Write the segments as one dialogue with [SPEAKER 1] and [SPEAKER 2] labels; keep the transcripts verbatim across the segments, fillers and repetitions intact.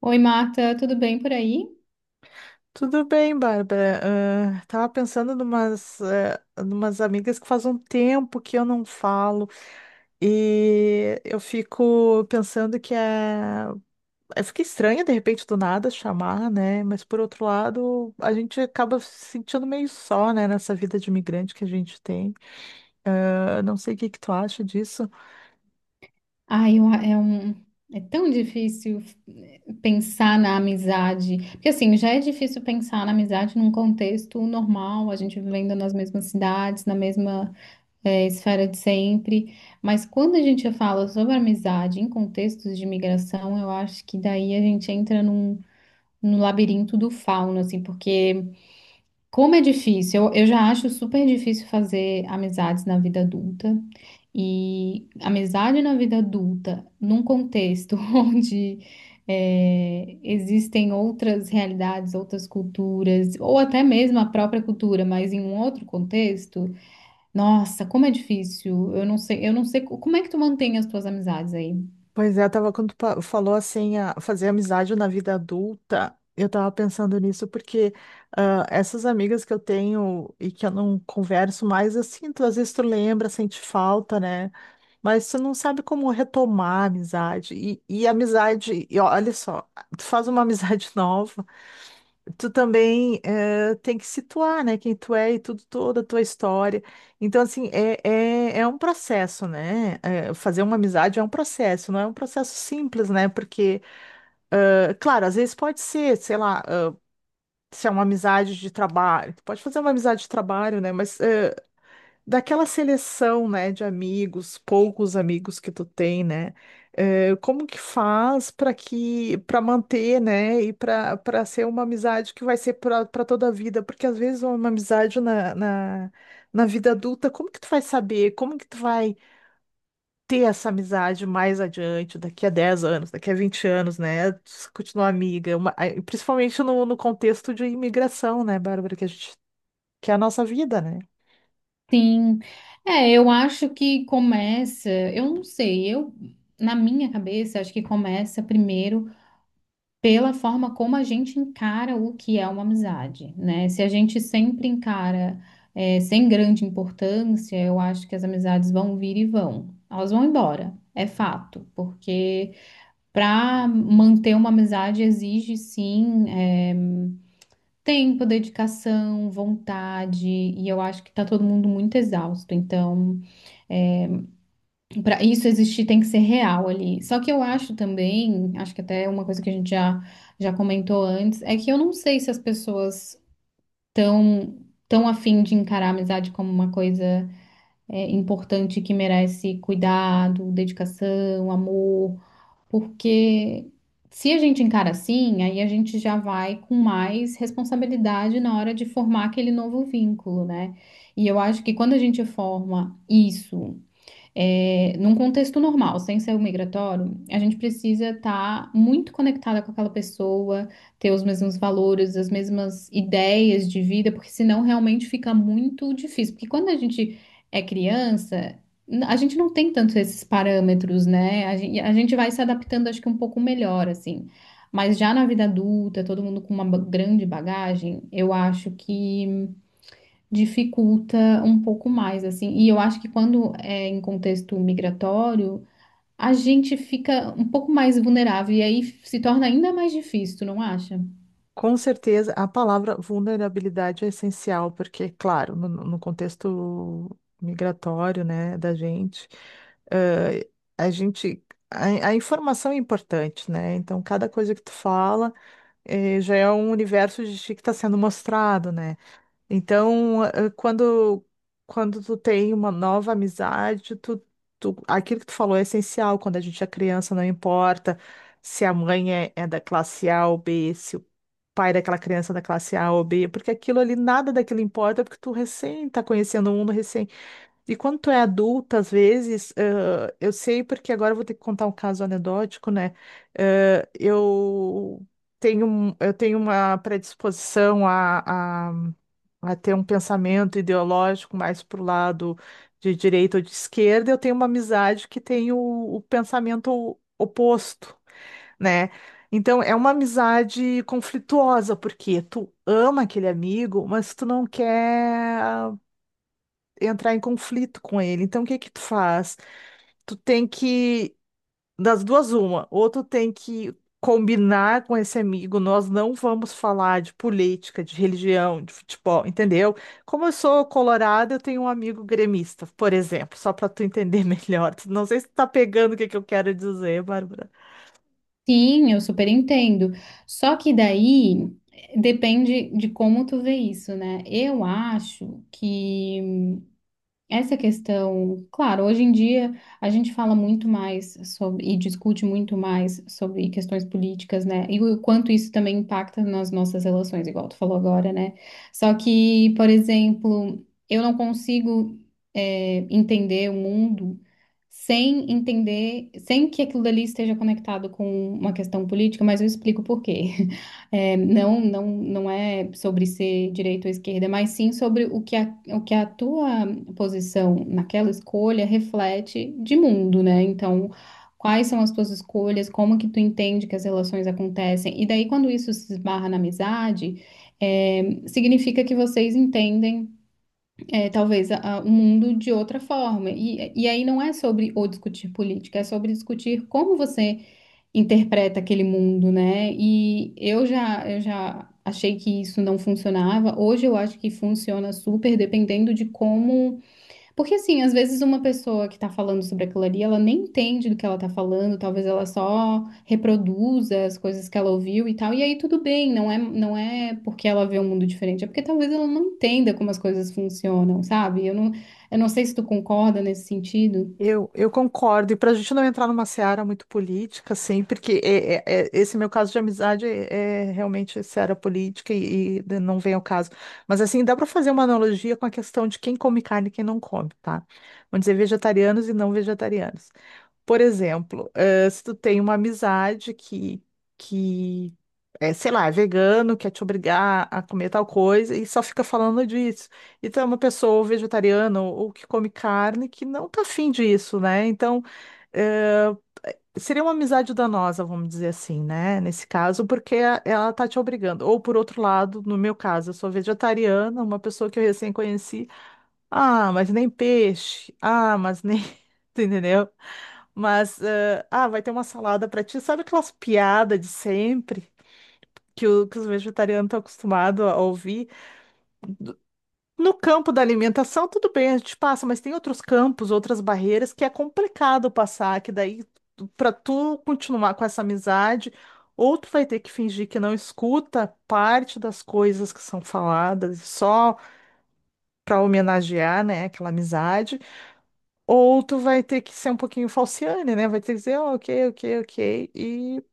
[SPEAKER 1] Oi, Marta, tudo bem por aí?
[SPEAKER 2] Tudo bem, Bárbara. Ah, tava pensando numas, eh, numas amigas que faz um tempo que eu não falo e eu fico pensando que é. é, fica estranho de repente do nada chamar, né? Mas por outro lado, a gente acaba se sentindo meio só, né, nessa vida de imigrante que a gente tem. Eu não sei o que que tu acha disso.
[SPEAKER 1] Ai, eu- é um, é tão difícil eh, pensar na amizade, porque assim, já é difícil pensar na amizade num contexto normal, a gente vivendo nas mesmas cidades, na mesma, eh, esfera de sempre, mas quando a gente fala sobre amizade em contextos de migração, eu acho que daí a gente entra num, num labirinto do fauno, assim, porque como é difícil, eu, eu já acho super difícil fazer amizades na vida adulta. E amizade na vida adulta, num contexto onde é, existem outras realidades, outras culturas, ou até mesmo a própria cultura, mas em um outro contexto, nossa, como é difícil. Eu não sei, eu não sei co- como é que tu mantém as tuas amizades aí.
[SPEAKER 2] Pois é, eu tava quando tu pa- falou assim, a- fazer amizade na vida adulta, eu tava pensando nisso porque ah, essas amigas que eu tenho e que eu não converso mais, eu sinto, às vezes tu lembra, sente falta, né? Mas tu não sabe como retomar a amizade. E, e amizade, e olha só, tu faz uma amizade nova, tu também eh, tem que situar, né, quem tu é e tudo, toda a tua história. Então, assim, é, é, é um processo, né? Eh, fazer uma amizade é um processo, não é um processo simples, né? Porque, eh, claro, às vezes pode ser, sei lá, eh, se é uma amizade de trabalho, tu pode fazer uma amizade de trabalho, né? Mas eh, daquela seleção, né, de amigos, poucos amigos que tu tem, né? Eh, como que faz para que para manter, né, e para para ser uma amizade que vai ser para toda a vida? Porque às vezes uma amizade na, na, na vida adulta, como que tu vai saber? Como que tu vai ter essa amizade mais adiante, daqui a dez anos, daqui a vinte anos, né? se Continuar amiga, uma- a- principalmente no, no contexto de imigração, né, Bárbara, que a gente que é a nossa vida, né?
[SPEAKER 1] Sim, é, eu acho que começa, eu não sei, eu na minha cabeça acho que começa primeiro pela forma como a gente encara o que é uma amizade, né? Se a gente sempre encara eh, sem grande importância, eu acho que as amizades vão vir e vão. Elas vão embora, é fato, porque para manter uma amizade exige sim eh, tempo, dedicação, vontade, e eu acho que tá todo mundo muito exausto, então. Para isso existir tem que ser real ali. Só que eu acho também, acho que até é uma coisa que a gente já, já comentou antes, é que eu não sei se as pessoas estão tão afim de encarar a amizade como uma coisa é, importante que merece cuidado, dedicação, amor, porque se a gente encara assim, aí a gente já vai com mais responsabilidade na hora de formar aquele novo vínculo, né? E eu acho que quando a gente forma isso é, num contexto normal, sem ser o migratório, a gente precisa estar muito conectada com aquela pessoa, ter os mesmos valores, as mesmas ideias de vida, porque senão realmente fica muito difícil. Porque quando a gente é criança, n- a gente não tem tanto esses parâmetros, né? A gente, a gente vai se adaptando, acho que um pouco melhor, assim. Mas já na vida adulta, todo mundo com uma ba- grande bagagem, eu acho que dificulta um pouco mais, assim. E eu acho que quando é em contexto migratório, a gente fica um pouco mais vulnerável e aí se torna ainda mais difícil, tu não acha?
[SPEAKER 2] Com certeza, a palavra vulnerabilidade é essencial, porque, claro, no, no contexto migratório, né, da gente, eh, a gente, a, a informação é importante, né? Então, cada coisa que tu fala, eh, já é um universo de ti que está sendo mostrado, né? Então, eh, quando, quando tu tem uma nova amizade, tu, tu- aquilo que tu falou é essencial. Quando a gente é criança, não importa se a mãe é, é da classe A ou B, se o pai é daquela criança é da classe A ou B, porque aquilo ali, nada daquilo importa, porque tu recém tá conhecendo o mundo, e quando tu é adulta, às vezes, eh, eu sei porque agora eu vou ter que contar um caso anedótico, né? Eh, eu tenho, um- eu tenho uma predisposição a, a, a ter um pensamento ideológico mais pro lado de direita ou de esquerda. Eu tenho uma amizade que tem o, o pensamento oposto, né? Então, é uma amizade conflituosa, porque tu ama aquele amigo, mas tu não quer entrar em conflito com ele. Então, o que que tu faz? Tu tem que, das duas, uma, ou tu tem que combinar com esse amigo: nós não vamos falar de política, de religião, de futebol, entendeu? Como eu sou colorada, eu tenho um amigo gremista, por exemplo, só para tu entender melhor. Não sei se tu tá pegando o que que eu quero dizer, Bárbara.
[SPEAKER 1] Sim, eu super entendo. Só que daí eh, depende de como tu vê isso, né? Eu acho que essa questão, claro, hoje em dia a gente fala muito mais sobre e discute muito mais sobre questões políticas, né? E o quanto isso também impacta nas nossas relações, igual tu falou agora, né? Só que, por exemplo, eu não consigo eh, entender o mundo sem entender, sem que aquilo dali esteja conectado com uma questão política, mas eu explico por quê. É, não, não, não é sobre ser direita ou esquerda, mas sim sobre o que a, o que a tua posição naquela escolha reflete de mundo, né? Então, quais são as tuas escolhas, como que tu entende que as relações acontecem, e daí quando isso se esbarra na amizade, é, significa que vocês entendem, é, talvez, a- a- o mundo de outra forma. E, e aí não é sobre ou discutir política, é sobre discutir como você interpreta aquele mundo, né? E eu já, eu já achei que isso não funcionava. Hoje eu acho que funciona super, dependendo de como. Porque, assim, às vezes uma pessoa que tá falando sobre aquilo ali, ela nem entende do que ela tá falando, talvez ela só reproduza as coisas que ela ouviu e tal. E aí tudo bem, não é, não é porque ela vê um mundo diferente, é porque talvez ela não entenda como as coisas funcionam, sabe? Eu não, eu não sei se tu concorda nesse sentido.
[SPEAKER 2] Eu, eu concordo, e para a gente não entrar numa seara muito política, assim, porque é- é- é- esse meu caso de amizade é, é realmente seara política e, e não vem ao caso. Mas, assim, dá para fazer uma analogia com a questão de quem come carne e quem não come, tá? Vamos dizer vegetarianos e não vegetarianos. Por exemplo, eh, se tu tem uma amizade que, que é, sei lá, é vegano, quer te obrigar a comer tal coisa e só fica falando disso. E tu é uma pessoa vegetariana ou, ou que come carne, que não tá afim disso, né? Então, eh, seria uma amizade danosa, vamos dizer assim, né? Nesse caso, porque a- ela tá te obrigando. Ou por outro lado, no meu caso, eu sou vegetariana, uma pessoa que eu recém conheci: "Ah, mas nem peixe. Ah, mas nem." tu Entendeu? Mas, eh, ah, vai ter uma salada pra ti. Sabe aquelas piadas de sempre que, o- que os vegetarianos estão acostumados a ouvir? Do- No campo da alimentação, tudo bem, a gente passa, mas tem outros campos, outras barreiras que é complicado passar, que daí, para tu continuar com essa amizade, ou tu vai ter que fingir que não escuta parte das coisas que são faladas, só para homenagear, né, aquela amizade. Ou tu vai ter que ser um pouquinho falciane, né? Vai ter que dizer, "Ah, ok, ok, ok." E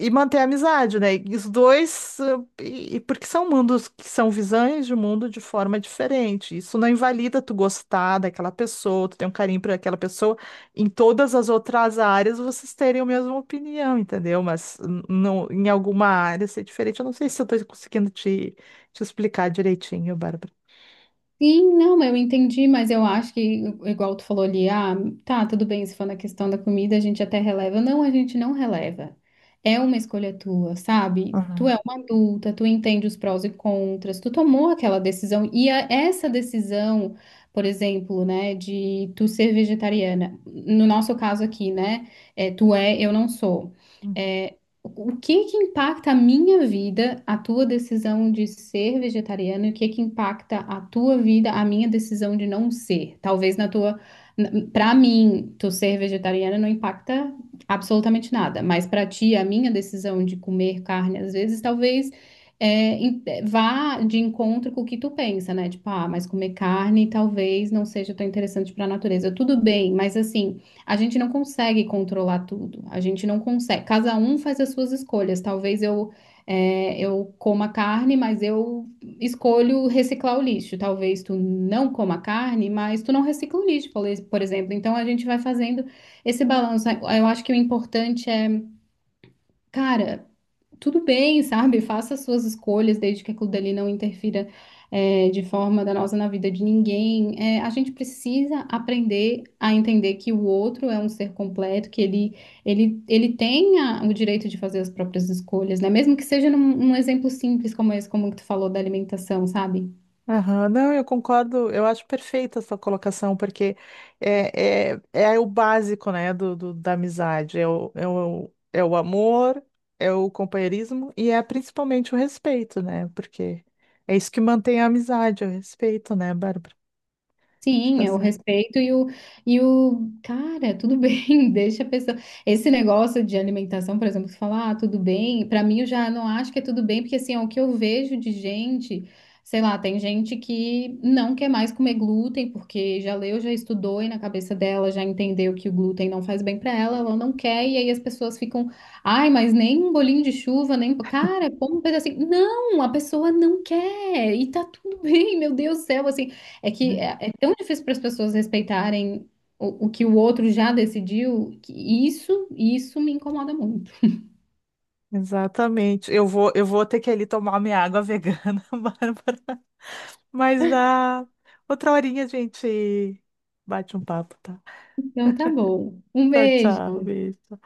[SPEAKER 2] e manter a amizade, né? E os dois, eh, e, e porque são mundos que são visões de um mundo de forma diferente. Isso não invalida tu gostar daquela pessoa, tu ter um carinho por aquela pessoa, em todas as outras áreas vocês terem a mesma opinião, entendeu? Mas n- não, em alguma área ser diferente. Eu não sei se eu estou conseguindo te, te explicar direitinho, Bárbara.
[SPEAKER 1] Sim, não, eu entendi, mas eu acho que, igual tu falou ali, ah, tá, tudo bem, se for na questão da comida, a gente até releva. Não, a gente não releva. É uma escolha tua, sabe? Tu é
[SPEAKER 2] Uhum.
[SPEAKER 1] uma adulta, tu entende os prós e contras, tu tomou aquela decisão. E a- essa decisão, por exemplo, né, de tu ser vegetariana, no nosso caso aqui, né, é, tu é, eu não sou. É, o que que impacta a minha vida, a tua decisão de ser vegetariano, e o que que impacta a tua vida, a minha decisão de não ser? Talvez na tua, para mim, tu ser vegetariana não impacta absolutamente nada, mas para ti, a minha decisão de comer carne às vezes, talvez é, em- é, vá de encontro com o que tu pensa, né? Tipo, ah, mas comer carne talvez não seja tão interessante para a natureza. Tudo bem, mas assim a gente não consegue controlar tudo. A gente não consegue. Cada um faz as suas escolhas. Talvez eu é, eu coma carne, mas eu escolho reciclar o lixo. Talvez tu não coma carne, mas tu não recicla o lixo, por ex- por exemplo. Então a gente vai fazendo esse balanço. Eu acho que o importante é, cara, tudo bem, sabe? Faça as suas escolhas, desde que aquilo dali não interfira, é, de forma danosa na vida de ninguém. É, a gente precisa aprender a entender que o outro é um ser completo, que ele, ele, ele tem a- o direito de fazer as próprias escolhas, né? Mesmo que seja num, num exemplo simples como esse, como que tu falou da alimentação, sabe?
[SPEAKER 2] Aham, não, eu concordo, eu acho perfeita a sua colocação, porque é, é, é o básico, né, do, do- da amizade, é o, é o, é o amor, é o companheirismo e é principalmente o respeito, né, porque é isso que mantém a amizade, é o respeito, né, Bárbara? Acho que
[SPEAKER 1] Sim,
[SPEAKER 2] tá
[SPEAKER 1] é o
[SPEAKER 2] certo.
[SPEAKER 1] respeito e o, e o cara, tudo bem, deixa a pessoa. Esse negócio de alimentação, por exemplo, que fala, ah, tudo bem, pra mim eu já não acho que é tudo bem, porque assim, é o que eu vejo de gente, sei lá, tem gente que não quer mais comer glúten, porque já leu, já estudou e na cabeça dela já entendeu que o glúten não faz bem pra ela, ela não quer, e aí as pessoas ficam, ai, mas nem um bolinho de chuva, nem. Cara, como um pedacinho. Não, a pessoa não quer, e tá tudo bem, meu Deus do céu, assim. É que
[SPEAKER 2] Uhum.
[SPEAKER 1] é, é tão difícil para as pessoas respeitarem o, o que o outro já decidiu, que isso, isso me incomoda muito.
[SPEAKER 2] Exatamente, eu vou, eu vou ter que ir ali tomar minha água vegana, Bárbara, mas ah, outra horinha a gente bate um papo, tá?
[SPEAKER 1] Então tá bom. Um
[SPEAKER 2] Tchau,
[SPEAKER 1] beijo.
[SPEAKER 2] tchau, beijo.